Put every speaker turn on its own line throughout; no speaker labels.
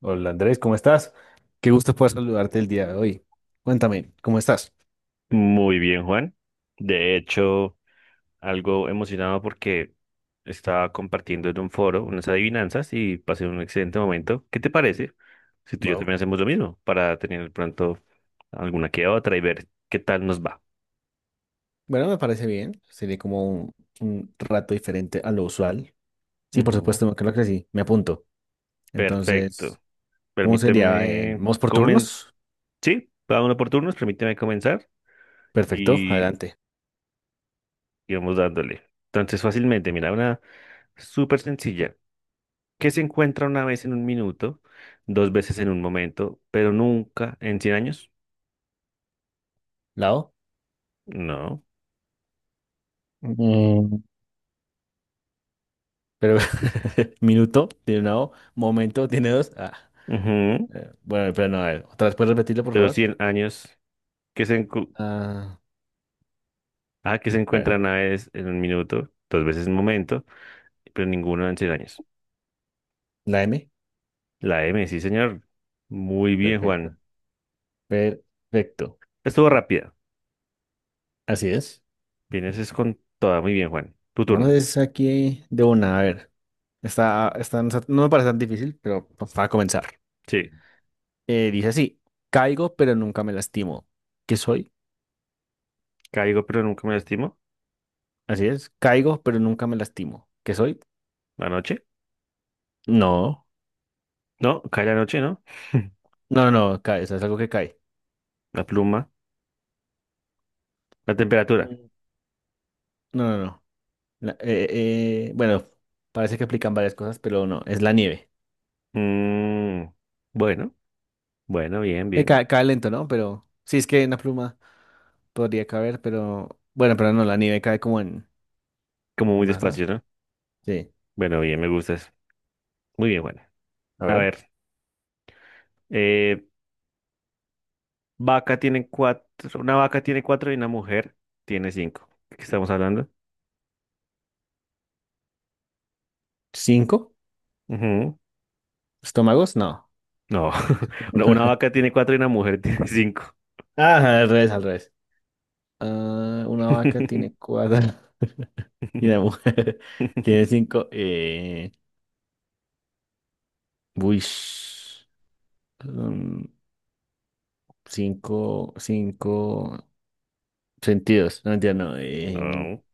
Hola Andrés, ¿cómo estás? Qué gusto poder saludarte el día de hoy. Cuéntame, ¿cómo estás?
Muy bien, Juan. De hecho, algo emocionado porque estaba compartiendo en un foro unas adivinanzas y pasé un excelente momento. ¿Qué te parece si tú y yo también
Wow.
hacemos lo mismo para tener pronto alguna que otra y ver qué tal nos va?
Bueno, me parece bien. Sería como un rato diferente a lo usual. Sí, por
Ujú.
supuesto, creo que sí, me apunto. Entonces,
Perfecto.
¿cómo sería?
Permíteme
¿Vamos por
comen...
turnos?
Sí, cada uno por turnos, permíteme comenzar
Perfecto,
y
adelante.
y vamos dándole. Entonces, fácilmente, mira, una súper sencilla que se encuentra una vez en un minuto, dos veces en un momento, pero nunca en 100 años.
Lado.
No.
Mm, Pero minuto, tiene una O. Momento, tiene dos.
Ujú.
Bueno, pero no, a ver, otra vez, ¿puedes repetirlo, por
Pero
favor?
100 años que se, encu-
Ah,
ah, que se
a ver,
encuentra una vez en un minuto, dos veces en un momento, pero ninguno en 100 años.
la M.
La M, sí, señor. Muy bien, Juan.
Perfecto. Perfecto.
Estuvo rápida.
Así es.
Vienes es con toda. Muy bien, Juan. Tu
No
turno.
es aquí de una, a ver. Está, no me parece tan difícil, pero pues, para comenzar.
Sí.
Dice así, caigo pero nunca me lastimo. ¿Qué soy?
Caigo, pero nunca me lastimo.
Así es, caigo pero nunca me lastimo. ¿Qué soy?
La noche.
No,
No, cae la noche, ¿no?
no, no, cae, o sea, es algo que cae.
La pluma. La temperatura.
Mm. No, no, no. La- eh, bueno, parece que aplican varias cosas, pero no, es la nieve.
Mm, bueno, bueno, bien, bien.
Cae lento, ¿no? Pero sí, es que una pluma podría caber, pero bueno, pero no, la nieve cae como
Como
en
muy
masa.
despacio, ¿no?
Sí.
Bueno, bien, me gusta eso. Muy bien, bueno.
A
A
ver.
ver, eh, una vaca tiene cuatro y una mujer tiene cinco. ¿De qué estamos hablando?
¿Cinco?
Ujú.
¿Estómagos? No.
No. No, una vaca tiene cuatro y una mujer tiene cinco.
Ah, al revés, al revés. Ah, una vaca tiene cuatro y una mujer tiene cinco. Uish, mm, cinco sentidos. No entiendo. No,
No,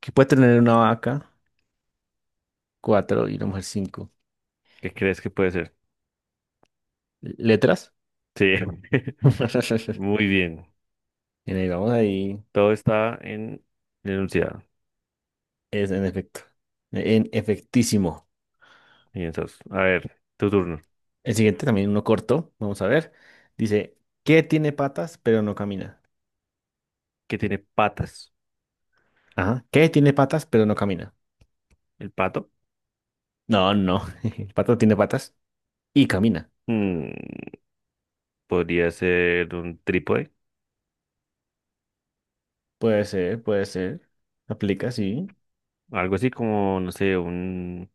¿qué puede tener una vaca? Cuatro y una mujer cinco.
¿qué crees que puede ser?
¿Letras?
Sí, muy bien.
Y ahí vamos ahí.
Todo está en el enunciado.
Es en efecto. En efectísimo.
Piensas. A ver, tu turno.
El siguiente también uno corto. Vamos a ver. Dice, ¿qué tiene patas pero no camina?
¿Qué tiene patas?
Ajá. ¿Qué? Tiene patas, pero no camina.
¿El pato?
No, no. El pato tiene patas y camina.
Mm, podría ser un trípode.
Puede ser, puede ser. Aplica, sí.
Algo así como, no sé, un,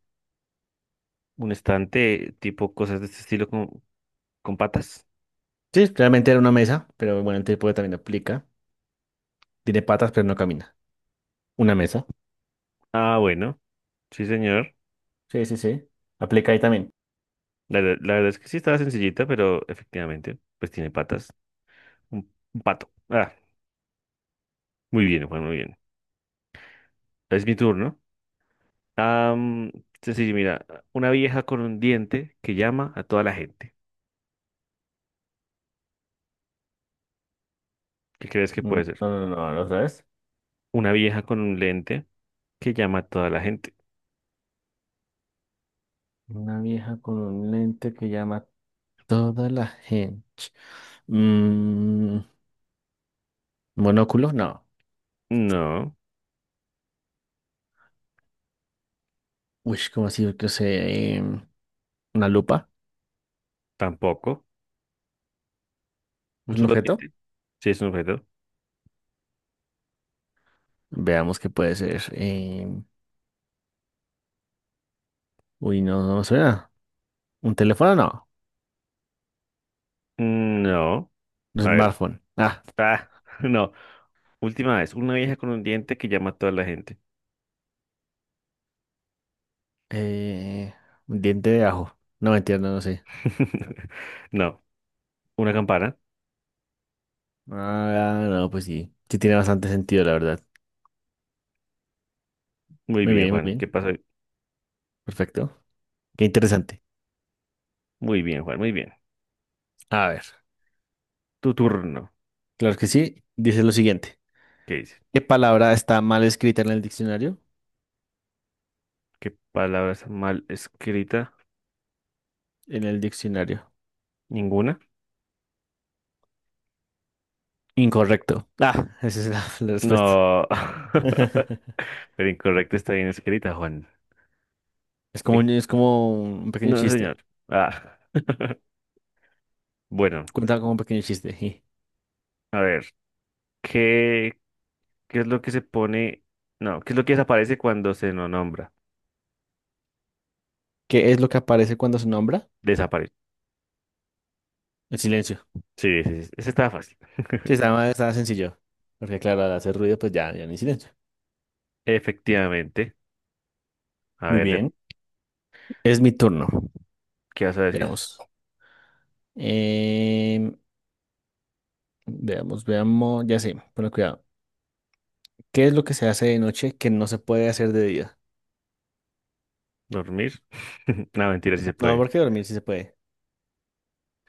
un estante tipo cosas de este estilo con patas.
Sí, realmente era una mesa, pero bueno, el tipo también aplica. Tiene patas, pero no camina. Una mesa.
Ah, bueno, sí, señor.
Sí, sí, sí. Aplica ahí también.
La, la verdad es que sí estaba sencillita, pero efectivamente, pues tiene patas. Un pato. Ah, muy bien, Juan, muy bien. Es mi turno. Am, sencillo, mira, una vieja con un diente que llama a toda la gente. ¿Qué crees que
Mm,
puede ser?
no, no, no, ¿lo sabes?
Una vieja con un lente que llama a toda la gente.
Una vieja con un lente que llama a toda la gente. Mm, ¿monóculo? No.
No,
Uy, ¿cómo así? Yo sé. ¿Una lupa?
tampoco. Un
¿Es un
solo
objeto?
diente. Sí, es un objeto.
Veamos qué puede ser. Uy, no, no me suena. ¿Un teléfono? No.
No.
Un
A ver.
smartphone. Ah,
Ah, no. Última vez, una vieja con un diente que llama a toda la gente.
eh, un diente de ajo. No me entiendo, no sé.
No, una campana.
Ah, no, pues sí. Sí tiene bastante sentido, la verdad.
Muy
Muy
bien,
bien, muy
Juan. ¿Qué
bien.
pasa?
Perfecto. Qué interesante.
Muy bien, Juan, muy bien.
A ver,
Tu turno.
claro que sí. Dice lo siguiente.
¿Qué dice?
¿Qué palabra está mal escrita en el diccionario?
¿Qué palabras mal escrita?
En el diccionario.
¿Ninguna?
Incorrecto. Ah, esa es la respuesta.
No. Pero incorrecta está bien escrita, Juan.
Es como,
Eh,
es como un pequeño
No, señor.
chiste.
Ah, bueno,
Cuenta como un pequeño chiste. Sí.
a ver. ¿Qué, qué es lo que se pone? No, ¿qué es lo que desaparece cuando se no nombra?
¿Qué es lo que aparece cuando se nombra?
Desaparece.
El silencio.
Sí, sí, sí. Ese estaba fácil.
Sí, estaba sencillo. Porque claro, al hacer ruido, pues ya no hay silencio.
Efectivamente. A
Muy
ver,
bien. Es mi turno.
¿qué vas a decir?
Veamos. Em, veamos, veamos. Ya sé, pero cuidado. ¿Qué es lo que se hace de noche que no se puede hacer de día?
¿Dormir? No, mentira, sí se
No,
puede.
porque dormir sí se puede.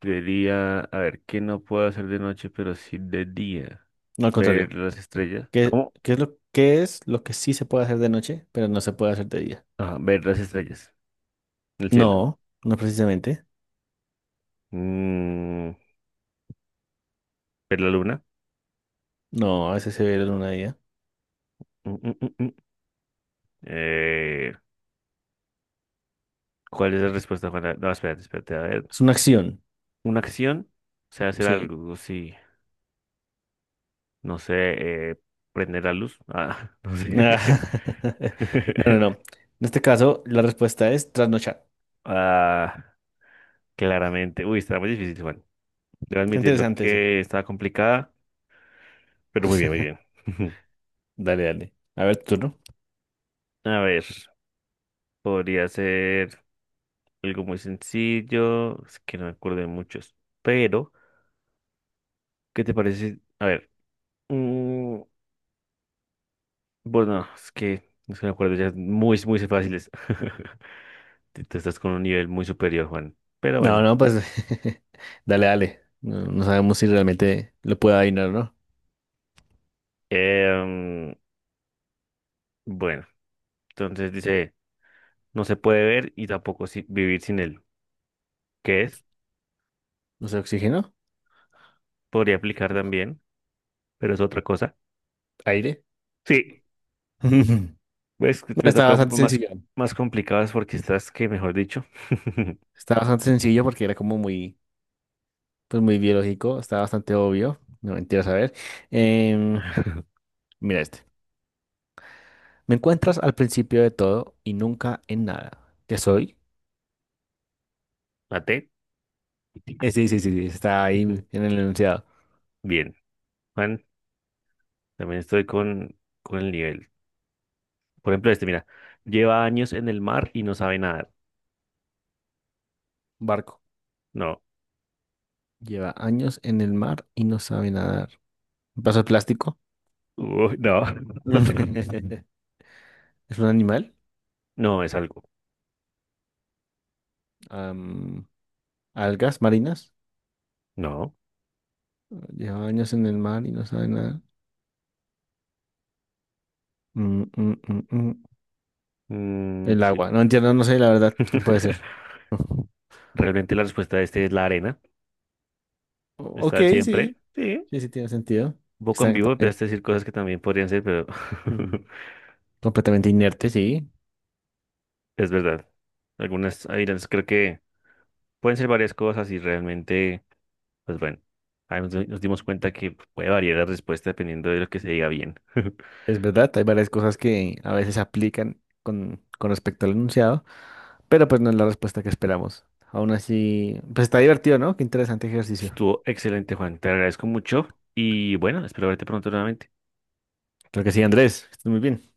Debería, a ver, ¿qué no puedo hacer de noche, pero sí de día?
No, al
Ver
contrario.
las estrellas.
¿Qué,
¿Cómo?
qué es lo, qué es lo que sí se puede hacer de noche, pero no se puede hacer de día?
Ah, ver las estrellas el cielo.
No, no precisamente.
Mm, ver la luna.
No, a veces se ve la luna de día.
Mm, mm, mm, mm. Eh, ¿Cuál es la respuesta, Juana? No, espérate, espérate. A ver,
Es una acción.
¿una acción? O sea, hacer
Sí.
algo, sí. No sé, prender la luz. Ah, no sé.
No, no, no. En este caso, la respuesta es trasnochar.
Ah, claramente. Uy, está muy difícil, Juan. Debo
Está
admitirlo
interesante ese.
que estaba complicada, pero muy bien, muy bien.
Dale, dale. A ver, tú, ¿no?
A ver, podría ser algo muy sencillo, es que no me acuerdo de muchos, pero ¿qué te parece? A ver, mm, bueno, es que no se me acuerdo, ya es muy, muy fáciles. Tú estás con un nivel muy superior, Juan. Pero
No,
bueno,
no, pues dale, dale. No, no sabemos si realmente lo puede adivinar o no.
em, bueno, entonces dice, no se puede ver y tampoco vivir sin él. ¿Qué es?
No sé, oxígeno,
Podría aplicar también, pero es otra cosa.
aire.
Sí. Pues que
No,
me
está
toca un
bastante
poco más,
sencillo.
más complicadas porque estás que, mejor dicho,
Está bastante sencillo porque era como muy, pues muy biológico. Está bastante obvio. No mentiras, a ver. Em, mira este. Me encuentras al principio de todo y nunca en nada. ¿Qué soy?
maté.
Sí, sí, sí, sí. Está ahí
Ujú.
en el enunciado.
Bien, Juan, también estoy con el nivel. Por ejemplo, este, mira, lleva años en el mar y no sabe nadar.
Barco.
No.
Lleva años en el mar y no sabe nadar. Un vaso de plástico.
Uy, no,
Es un animal.
no es algo.
am, algas marinas.
No.
Lleva años en el mar y no sabe nada. Mm, mm, mm, mm.
Mm,
El
sí.
agua. No entiendo, no sé la verdad qué puede ser.
Realmente la respuesta de este es la arena.
Ok,
Está
sí.
siempre. Sí,
Sí, sí tiene sentido.
un poco en
Están
vivo
totalmente,
empezaste a decir cosas que también podrían ser, pero
mm, completamente inerte, sí.
es verdad. Algunas, ahí creo que pueden ser varias cosas y realmente. Pues bueno, ahí nos dimos cuenta que puede variar la respuesta dependiendo de lo que se diga bien.
Es verdad, hay varias cosas que a veces aplican con respecto al enunciado, pero pues no es la respuesta que esperamos. Aún así, pues está divertido, ¿no? Qué interesante ejercicio.
Estuvo excelente, Juan. Te agradezco mucho y bueno, espero verte pronto nuevamente.
Creo que sí, Andrés. Estás muy bien.